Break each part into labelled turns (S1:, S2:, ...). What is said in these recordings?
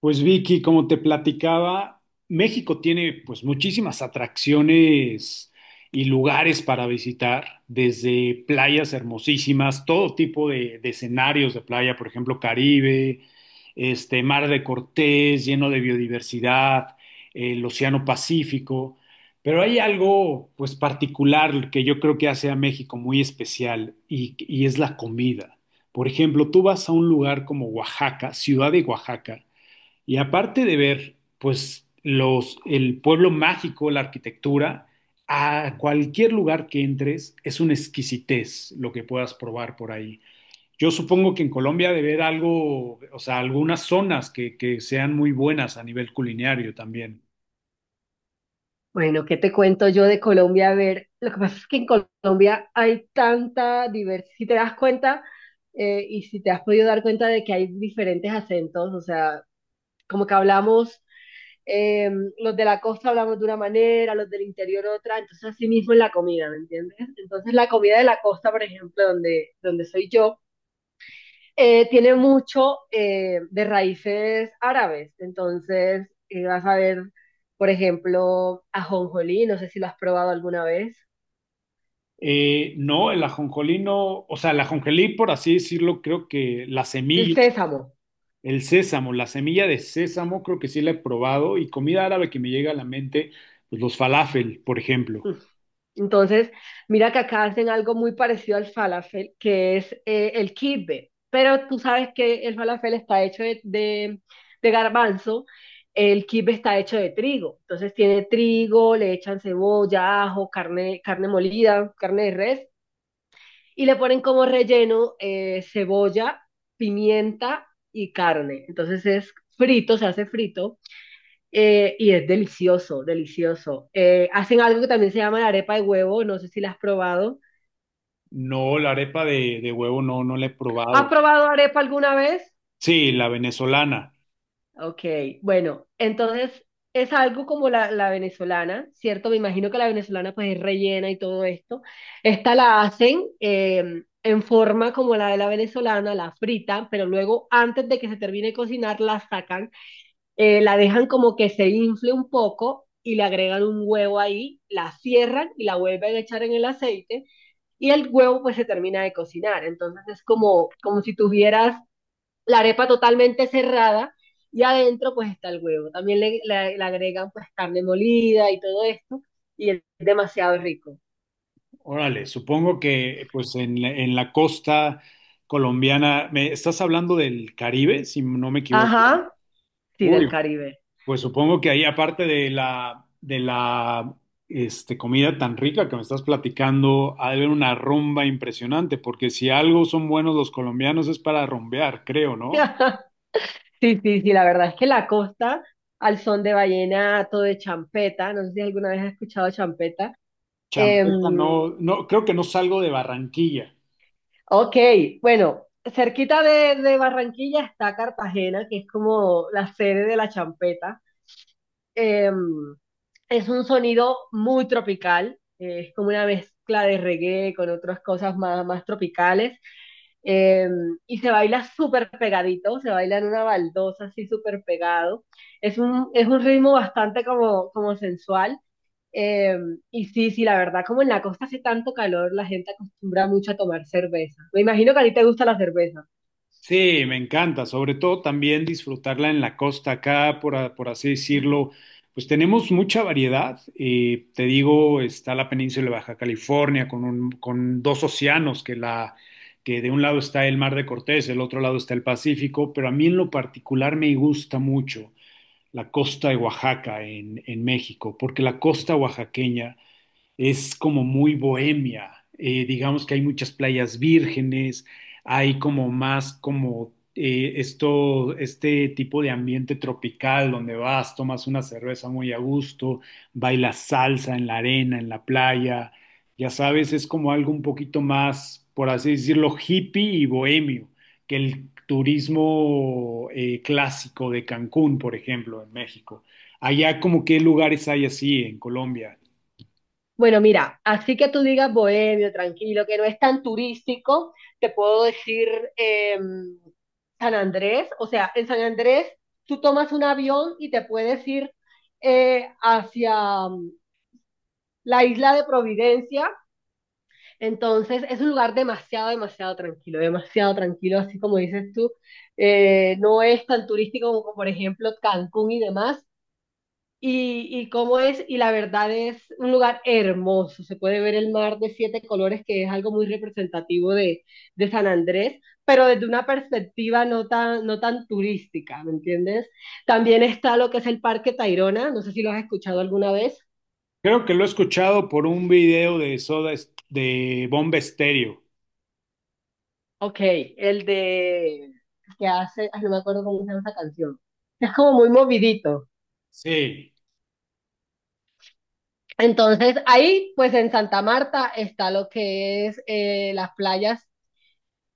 S1: Pues Vicky, como te platicaba, México tiene pues muchísimas atracciones y lugares para visitar, desde playas hermosísimas, todo tipo de escenarios de playa, por ejemplo, Caribe, este Mar de Cortés, lleno de biodiversidad, el Océano Pacífico, pero hay algo pues particular que yo creo que hace a México muy especial y es la comida. Por ejemplo, tú vas a un lugar como Oaxaca, ciudad de Oaxaca, y aparte de ver, pues, los, el pueblo mágico, la arquitectura, a cualquier lugar que entres es una exquisitez lo que puedas probar por ahí. Yo supongo que en Colombia debe haber algo, o sea, algunas zonas que sean muy buenas a nivel culinario también.
S2: Bueno, ¿qué te cuento yo de Colombia? A ver, lo que pasa es que en Colombia hay tanta diversidad, si te das cuenta y si te has podido dar cuenta de que hay diferentes acentos, o sea, como que hablamos, eh, los de la costa hablamos de una manera, los del interior otra, entonces así mismo en la comida, ¿me entiendes? Entonces la comida de la costa, por ejemplo, donde soy yo, tiene mucho de raíces árabes. Entonces, vas a ver, por ejemplo, ajonjolí, no sé si lo has probado alguna vez,
S1: No, el ajonjolí no, o sea, el ajonjolí, por así decirlo, creo que la
S2: el
S1: semilla,
S2: sésamo.
S1: el sésamo, la semilla de sésamo, creo que sí la he probado y comida árabe que me llega a la mente, pues los falafel, por ejemplo.
S2: Mm. Entonces, mira que acá hacen algo muy parecido al falafel, que es el kibbe. Pero tú sabes que el falafel está hecho de garbanzo, el kibbe está hecho de trigo. Entonces tiene trigo, le echan cebolla, ajo, carne, carne molida, carne de res, y le ponen como relleno cebolla, pimienta y carne. Entonces es frito, se hace frito y es delicioso, delicioso. Hacen algo que también se llama la arepa de huevo, no sé si la has probado.
S1: No, la arepa de huevo no, no la he
S2: ¿Has
S1: probado.
S2: probado arepa alguna vez?
S1: Sí, la venezolana.
S2: Ok, bueno, entonces es algo como la venezolana, ¿cierto? Me imagino que la venezolana pues es rellena y todo esto. Esta la hacen en forma como la de la venezolana, la fritan, pero luego antes de que se termine de cocinar la sacan, la dejan como que se infle un poco y le agregan un huevo ahí, la cierran y la vuelven a echar en el aceite y el huevo pues se termina de cocinar. Entonces es como, como si tuvieras la arepa totalmente cerrada y adentro pues está el huevo. También le agregan pues carne molida y todo esto y es demasiado rico.
S1: Órale, supongo que pues en, en la costa colombiana, ¿me estás hablando del Caribe, si no me equivoco?
S2: Ajá, sí, del
S1: Uy,
S2: Caribe.
S1: pues supongo que ahí aparte de la, este, comida tan rica que me estás platicando, ha de haber una rumba impresionante, porque si algo son buenos los colombianos es para rumbear, creo, ¿no?
S2: Sí, sí, sí, la verdad es que la costa al son de vallenato, de champeta, no sé si alguna vez has escuchado champeta.
S1: Champeta no,
S2: Em,
S1: no, creo que no salgo de Barranquilla.
S2: ok, bueno, cerquita de Barranquilla está Cartagena, que es como la sede de la champeta. Eh, es un sonido muy tropical, es como una mezcla de reggae con otras cosas más, más tropicales. eh, y se baila súper pegadito, se baila en una baldosa así súper pegado. Es un ritmo bastante como, como sensual. eh, y sí, sí, la verdad, como en la costa hace tanto calor, la gente acostumbra mucho a tomar cerveza. Me imagino que a ti te gusta la cerveza.
S1: Sí, me encanta, sobre todo también disfrutarla en la costa acá, por, por así decirlo, pues tenemos mucha variedad. Te digo, está la península de Baja California con, con dos océanos, que, la, que de un lado está el Mar de Cortés, del otro lado está el Pacífico, pero a mí en lo particular me gusta mucho la costa de Oaxaca en México, porque la costa oaxaqueña es como muy bohemia. Digamos que hay muchas playas vírgenes, hay como más como esto, este tipo de ambiente tropical donde vas, tomas una cerveza muy a gusto, bailas salsa en la arena, en la playa, ya sabes, es como algo un poquito más, por así decirlo, hippie y bohemio que el turismo clásico de Cancún, por ejemplo, en México. Allá como qué lugares hay así en Colombia.
S2: Bueno, mira, así que tú digas bohemio, tranquilo, que no es tan turístico, te puedo decir eh, San Andrés. O sea, en San Andrés tú tomas un avión y te puedes ir hacia la isla de Providencia. Entonces es un lugar demasiado, demasiado tranquilo, así como dices tú. No es tan turístico como, por ejemplo, Cancún y demás, y cómo es, y la verdad es un lugar hermoso, se puede ver el mar de siete colores, que es algo muy representativo de San Andrés, pero desde una perspectiva no tan, no tan turística, ¿me entiendes? También está lo que es el Parque Tayrona, no sé si lo has escuchado alguna vez.
S1: Creo que lo he escuchado por un video de Soda de Bomba Estéreo.
S2: Ok, el de... que hace, ay, no me acuerdo cómo se llama esa canción, es como muy movidito.
S1: Sí.
S2: Entonces, ahí, pues en Santa Marta está lo que es las playas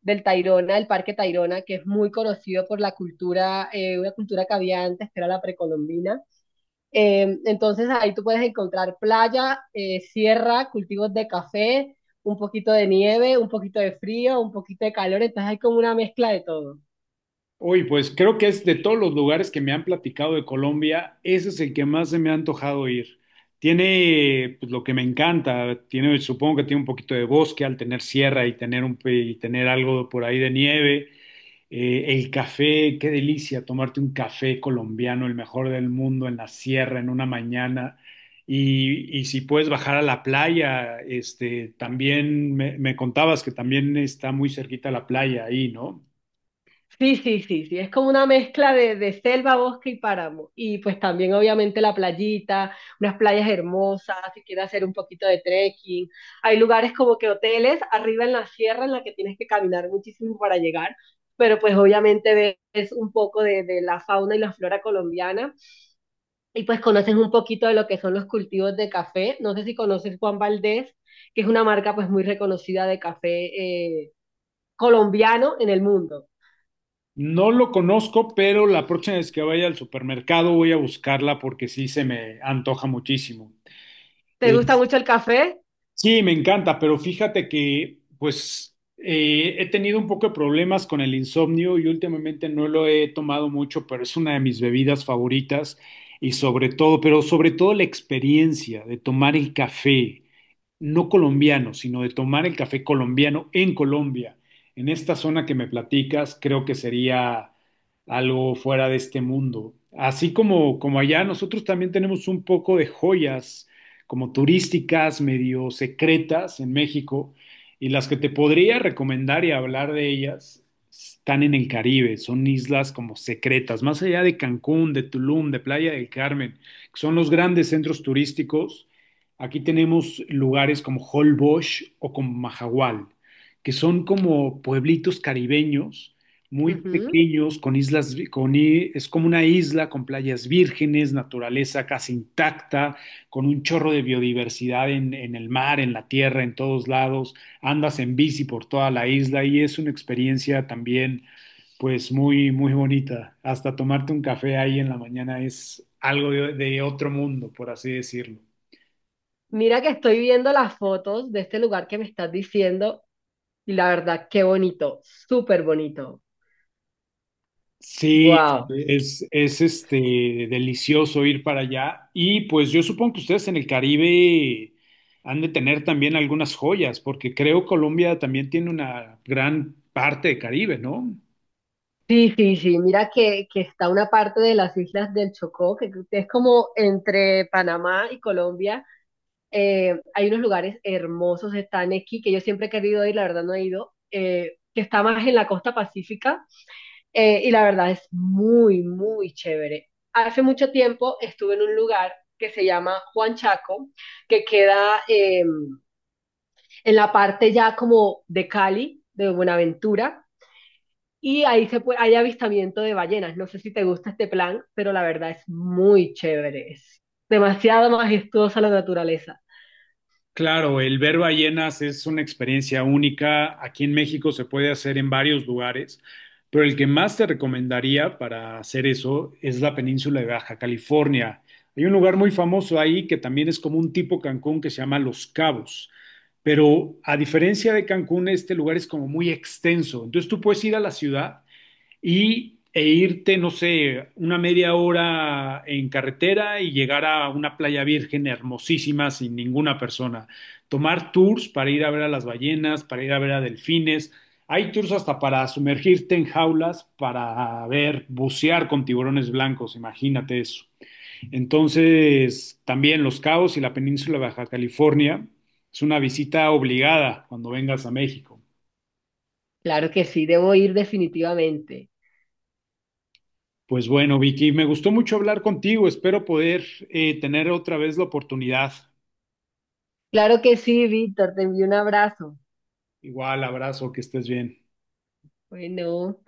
S2: del Tayrona, del Parque Tayrona, que es muy conocido por la cultura, una cultura que había antes, que era la precolombina. Entonces ahí tú puedes encontrar playa, sierra, cultivos de café, un poquito de nieve, un poquito de frío, un poquito de calor, entonces hay como una mezcla de todo.
S1: Uy, pues creo que es de todos los lugares que me han platicado de Colombia, ese es el que más se me ha antojado ir. Tiene pues, lo que me encanta, tiene, supongo que tiene un poquito de bosque al tener sierra y tener un, y tener algo por ahí de nieve. El café, qué delicia tomarte un café colombiano, el mejor del mundo, en la sierra, en una mañana. Y si puedes bajar a la playa, este, también me contabas que también está muy cerquita la playa ahí, ¿no?
S2: Sí, sí, sí, sí, es como una mezcla de selva, bosque y páramo. Y pues también obviamente la playita, unas playas hermosas, si quieres hacer un poquito de trekking. Hay lugares como que hoteles arriba en la sierra en la que tienes que caminar muchísimo para llegar, pero pues obviamente ves un poco de la fauna y la flora colombiana y pues conoces un poquito de lo que son los cultivos de café. No sé si conoces Juan Valdez, que es una marca pues muy reconocida de café eh, colombiano en el mundo.
S1: No lo conozco, pero la próxima vez que vaya al supermercado voy a buscarla porque sí se me antoja muchísimo.
S2: ¿Te
S1: Eh,
S2: gusta mucho el café?
S1: Sí, me encanta, pero fíjate que pues he tenido un poco de problemas con el insomnio y últimamente no lo he tomado mucho, pero es una de mis bebidas favoritas y sobre todo, pero sobre todo la experiencia de tomar el café no colombiano, sino de tomar el café colombiano en Colombia. En esta zona que me platicas, creo que sería algo fuera de este mundo. Así como, como allá, nosotros también tenemos un poco de joyas como turísticas, medio secretas en México, y las que te podría recomendar y hablar de ellas están en el Caribe, son islas como secretas, más allá de Cancún, de Tulum, de Playa del Carmen, que son los grandes centros turísticos. Aquí tenemos lugares como Holbox o como Mahahual, que son como pueblitos caribeños muy
S2: Ujú.
S1: pequeños, con islas, es como una isla con playas vírgenes, naturaleza casi intacta, con un chorro de biodiversidad en el mar, en la tierra, en todos lados. Andas en bici por toda la isla y es una experiencia también, pues muy, muy bonita. Hasta tomarte un café ahí en la mañana es algo de otro mundo, por así decirlo.
S2: Mira que estoy viendo las fotos de este lugar que me estás diciendo y la verdad, qué bonito, súper bonito.
S1: Sí,
S2: Wow.
S1: es este delicioso ir para allá. Y pues yo supongo que ustedes en el Caribe han de tener también algunas joyas, porque creo Colombia también tiene una gran parte de Caribe, ¿no?
S2: Sí, sí, sí. Mira que está una parte de las islas del Chocó, que es como entre Panamá y Colombia. Hay unos lugares hermosos, está Nequi, que yo siempre he querido ir, la verdad no he ido, que está más en la costa pacífica. Y la verdad es muy, muy chévere. Hace mucho tiempo estuve en un lugar que se llama Juan Chaco, que queda en la parte ya como de Cali, de Buenaventura, y ahí se puede, hay avistamiento de ballenas. No sé si te gusta este plan, pero la verdad es muy chévere. Es demasiado majestuosa la naturaleza.
S1: Claro, el ver ballenas es una experiencia única. Aquí en México se puede hacer en varios lugares, pero el que más te recomendaría para hacer eso es la península de Baja California. Hay un lugar muy famoso ahí que también es como un tipo Cancún que se llama Los Cabos, pero a diferencia de Cancún, este lugar es como muy extenso. Entonces tú puedes ir a la ciudad y, e irte, no sé, una media hora en carretera y llegar a una playa virgen hermosísima sin ninguna persona. Tomar tours para ir a ver a las ballenas, para ir a ver a delfines. Hay tours hasta para sumergirte en jaulas, para ver, bucear con tiburones blancos, imagínate eso. Entonces, también Los Cabos y la península de Baja California es una visita obligada cuando vengas a México.
S2: Claro que sí, debo ir definitivamente.
S1: Pues bueno, Vicky, me gustó mucho hablar contigo. Espero poder tener otra vez la oportunidad.
S2: Claro que sí, Víctor, te envío un abrazo.
S1: Igual, abrazo, que estés bien.
S2: Bueno.